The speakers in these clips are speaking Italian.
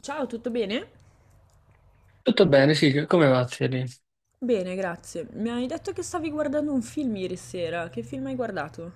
Ciao, tutto bene? Tutto bene, sì, come va, Thierry? Bene, grazie. Mi hai detto che stavi guardando un film ieri sera. Che film hai guardato?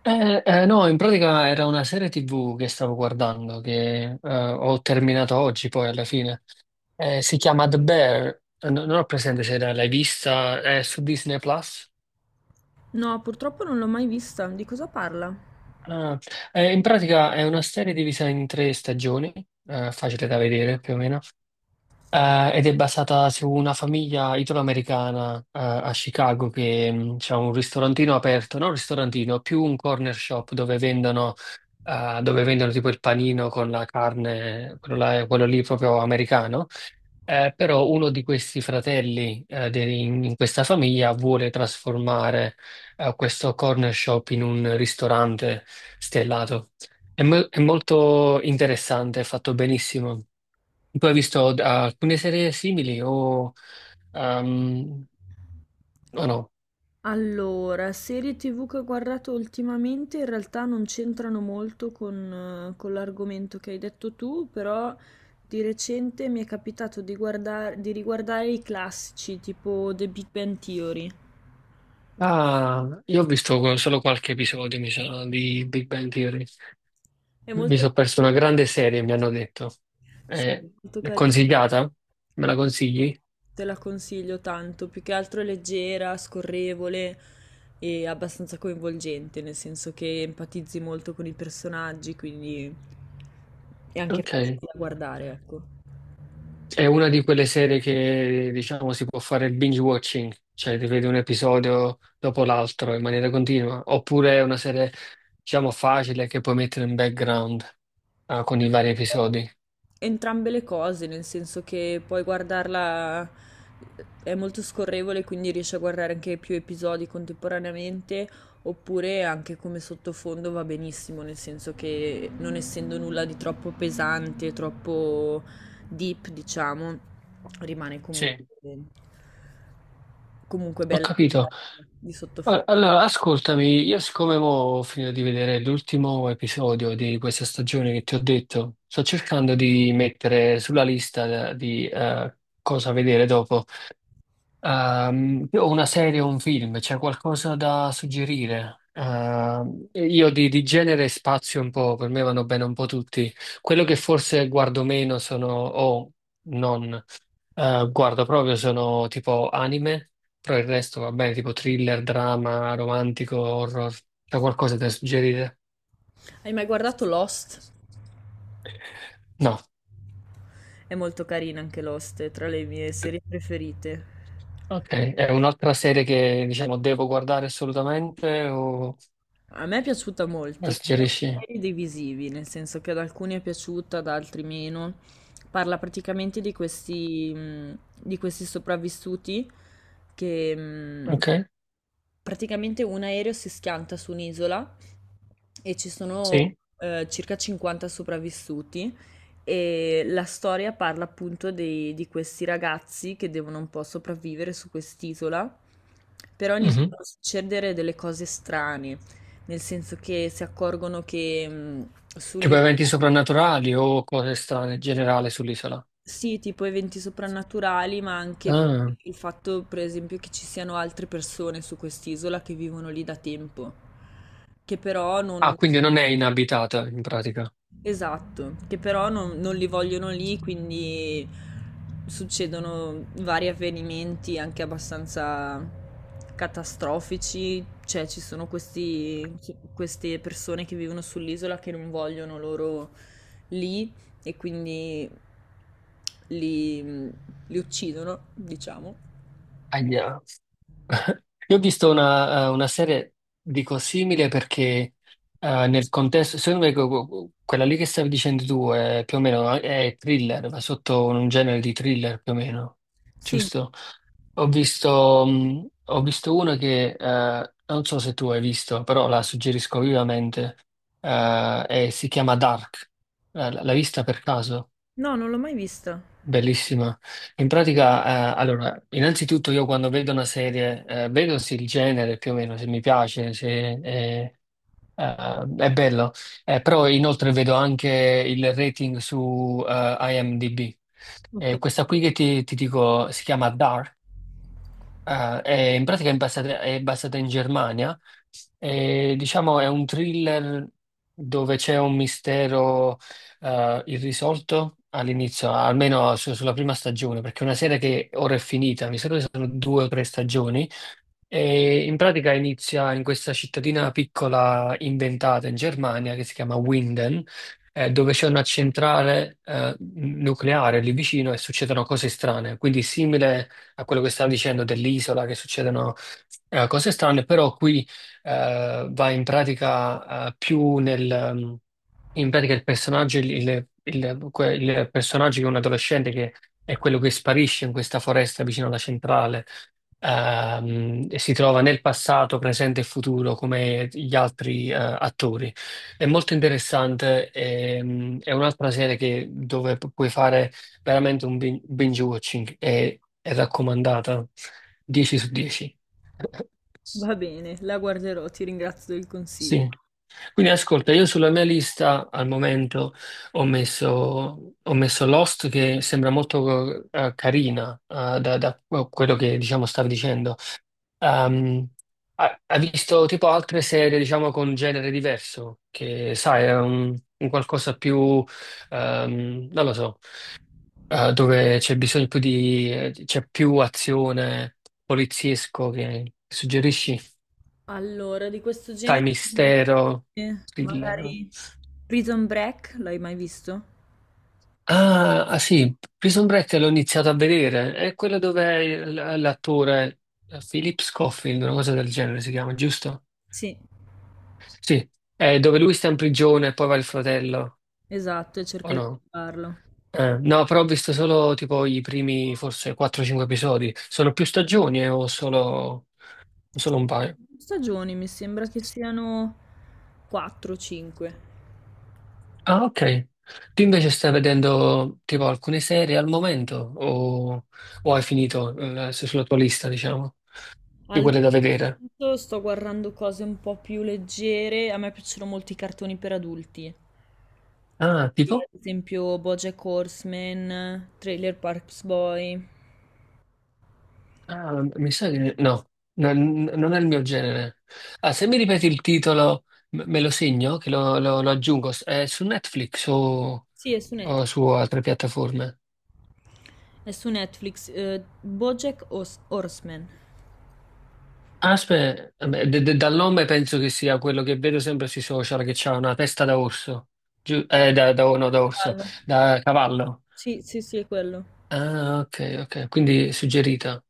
No, in pratica era una serie TV che stavo guardando, che ho terminato oggi poi alla fine. Si chiama The Bear. Non ho presente se l'hai vista, è su Disney Plus. No, purtroppo non l'ho mai vista. Di cosa parla? Ah, in pratica è una serie divisa in tre stagioni, facile da vedere più o meno, ed è basata su una famiglia italoamericana a Chicago che ha un ristorantino aperto, non un ristorantino, più un corner shop dove vendono tipo il panino con la carne, quello lì proprio americano. Però uno di questi fratelli in questa famiglia vuole trasformare questo corner shop in un ristorante stellato. È molto interessante, è fatto benissimo. Tu hai visto alcune serie simili ehm, o no? Allora, serie TV che ho guardato ultimamente in realtà non c'entrano molto con l'argomento che hai detto tu, però di recente mi è capitato di guardare, di riguardare i classici, tipo The Big Bang Theory. Ah, io ho visto solo qualche episodio, mi sa, di Big Bang Theory. È Mi molto, sono perso una grande serie, mi hanno detto. sì, È, molto è carino. consigliata? Me la consigli? Te la consiglio tanto, più che altro è leggera, scorrevole e abbastanza coinvolgente, nel senso che empatizzi molto con i personaggi, quindi è anche Ok. facile da guardare, ecco. È una di quelle serie che, diciamo, si può fare il binge watching, cioè ti vedi un episodio dopo l'altro in maniera continua, oppure è una serie, diciamo, facile che puoi mettere in background, ah, con i vari episodi. Entrambe le cose, nel senso che puoi guardarla, è molto scorrevole, quindi riesci a guardare anche più episodi contemporaneamente, oppure anche come sottofondo va benissimo, nel senso che non essendo nulla di troppo pesante, troppo deep, diciamo, rimane comunque, Sì, comunque ho bella capito. di Allora, sottofondo. allora, ascoltami, io siccome mo ho finito di vedere l'ultimo episodio di questa stagione che ti ho detto, sto cercando di mettere sulla lista di cosa vedere dopo. O una serie o un film, c'è qualcosa da suggerire? Io di genere spazio un po', per me vanno bene un po' tutti. Quello che forse guardo meno sono, o non. Guardo proprio sono tipo anime, però il resto va bene, tipo thriller, drama, romantico, horror. C'è qualcosa da suggerire? Hai mai guardato Lost? No. È molto carina anche Lost, è tra le mie serie preferite. Ok, è un'altra serie che diciamo devo guardare assolutamente o A me è piaciuta la molto, ci sono suggerisci? pareri divisivi, nel senso che ad alcuni è piaciuta, ad altri meno. Parla praticamente di questi sopravvissuti che Ok, praticamente un aereo si schianta su un'isola e ci sono sì. Circa 50 sopravvissuti e la storia parla appunto di questi ragazzi che devono un po' sopravvivere su quest'isola, però Mhm. iniziano a succedere delle cose strane. Nel senso che si accorgono che Tipo sugli eventi soprannaturali o cose strane in generale sull'isola. sì, tipo eventi soprannaturali, ma anche Ah. il fatto, per esempio, che ci siano altre persone su quest'isola che vivono lì da tempo, che però non... Ah, quindi non è inabitata in pratica. Esatto, che però non li vogliono lì, quindi succedono vari avvenimenti anche abbastanza catastrofici, cioè ci sono questi, queste persone che vivono sull'isola che non vogliono loro lì e quindi li, li uccidono, diciamo. Ahia. Io ho visto una serie, dico, simile perché nel contesto, secondo me quella lì che stavi dicendo tu è più o meno è thriller, va sotto un genere di thriller più o meno, Sì, giusto? Ho visto una che non so se tu hai visto, però la suggerisco vivamente, e si chiama Dark. L'hai vista per caso? no, non l'ho mai vista. Bellissima. In pratica, allora, innanzitutto io quando vedo una serie, vedo se il genere più o meno, se mi piace, se eh, è bello. Però inoltre vedo anche il rating su IMDb. Ok, Questa qui che ti dico si chiama Dark. In pratica è basata, in Germania e diciamo è un thriller dove c'è un mistero irrisolto all'inizio, almeno sulla prima stagione, perché è una serie che ora è finita, mi sa che sono due o tre stagioni e in pratica inizia in questa cittadina piccola inventata in Germania che si chiama Winden, dove c'è una centrale nucleare lì vicino e succedono cose strane. Quindi simile a quello che stavo dicendo dell'isola, che succedono cose strane, però qui va in pratica in pratica il personaggio, il personaggio che è un adolescente che è quello che sparisce in questa foresta vicino alla centrale, si trova nel passato, presente e futuro come gli altri attori. È molto interessante. È un'altra serie dove puoi fare veramente un binge watching, è raccomandata 10 su 10. va bene, la guarderò, ti ringrazio del consiglio. Sì, quindi ascolta, io sulla mia lista al momento ho messo, Lost che sembra molto carina da quello che diciamo stavi dicendo. Ehm, ha visto tipo altre serie, diciamo, con genere diverso, che sai, è un qualcosa più, non lo so, dove c'è bisogno c'è più azione poliziesco che suggerisci, Allora, di questo sai, genere, mistero, thriller, no? magari Prison Break, l'hai mai visto? Ah, ah, sì, Prison Break l'ho iniziato a vedere, è quello dove l'attore Philip Scofield, una cosa del genere si chiama, giusto? Sì, Sì, è dove lui sta in prigione e poi va il fratello, esatto, e cerca o di no? farlo. No, però ho visto solo tipo i primi forse 4-5 episodi. Sono più stagioni o solo, un paio? Stagioni, mi sembra che siano 4-5. Ah, ok. Tu invece stai vedendo tipo alcune serie al momento o hai finito sulla tua lista, diciamo, di Allora, quelle da vedere? intanto sto guardando cose un po' più leggere. A me piacciono molti i cartoni per adulti. Ah, Quindi, tipo? ad esempio BoJack Horseman, Trailer Parks Boy. Ah, mi sa che no, non è il mio genere. Ah, se mi ripeti il titolo, me lo segno, che lo aggiungo. È su Netflix o, Sì, o su altre piattaforme? è su Netflix. BoJack Horseman. Aspetta, dal nome penso che sia quello che vedo sempre sui social, che c'ha una testa da orso, no, da orso, Cavallo. da cavallo. Sì, sì, sì, è quello. Ah, ok, ok, quindi suggerita.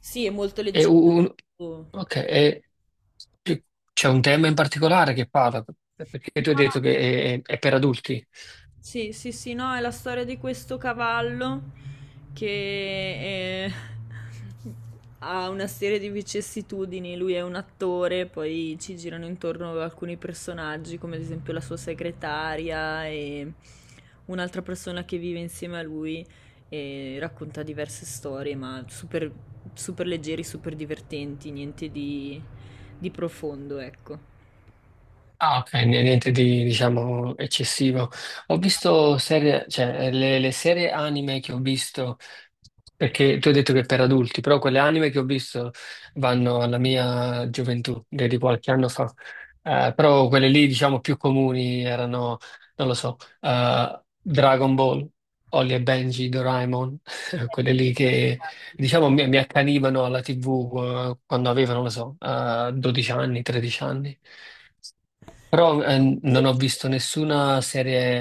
Sì, è molto E leggero. un, Oh. ok, e c- c'è un tema in particolare che parla, perché tu hai detto che è per adulti. Sì, sì, sì, no, è la storia di questo cavallo che ha una serie di vicissitudini. Lui è un attore, poi ci girano intorno alcuni personaggi, come ad esempio la sua segretaria e un'altra persona che vive insieme a lui e racconta diverse storie, ma super, super leggeri, super divertenti, niente di, di profondo, ecco. Ah, ok, niente di, diciamo, eccessivo. Ho visto serie, cioè, le serie anime che ho visto. Perché tu hai detto che è per adulti, però quelle anime che ho visto vanno alla mia gioventù, di qualche anno fa. Però quelle lì, diciamo, più comuni erano, non lo so, Dragon Ball, Holly e Benji, Doraemon, quelle lì che, diciamo, mi accanivano alla TV, quando avevo, non lo so, 12 anni, 13 anni. Però non ho visto nessuna serie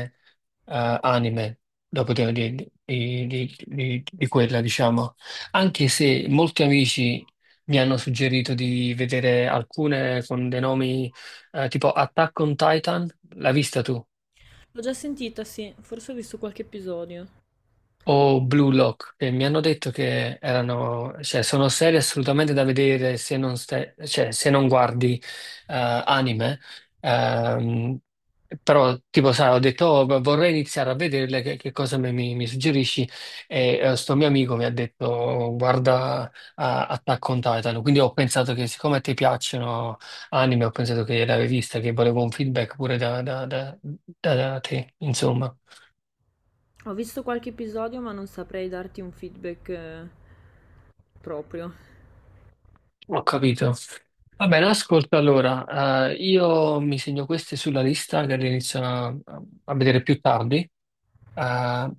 anime dopo di, di quella, diciamo. Anche se molti amici mi hanno suggerito di vedere alcune con dei nomi tipo Attack on Titan. L'hai vista tu? L'ho già sentita, sì, forse ho visto qualche episodio. O Blue Lock, che mi hanno detto che erano, cioè, sono serie assolutamente da vedere se non, cioè, se non guardi eh, anime. Ehm, Però, tipo, sai, ho detto, "Oh, vorrei iniziare a vederle, che cosa mi suggerisci?" E sto mio amico mi ha detto, "Oh, guarda a Attack on Titan." Quindi ho pensato che, siccome a te piacciono anime, ho pensato che l'avevi vista, che volevo un feedback pure da da te, insomma. Ho visto qualche episodio, ma non saprei darti un feedback proprio. Ho capito. Va bene, ascolta allora, io mi segno queste sulla lista che le inizio a vedere più tardi, eh,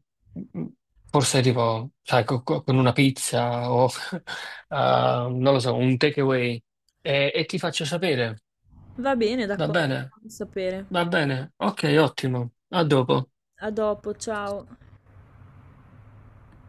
m- forse arrivo, sai, con una pizza o, eh, non lo so, un takeaway e ti faccio sapere, Va bene, va d'accordo, bene? fammi sapere. Va bene, ok, ottimo, a dopo. A dopo, ciao.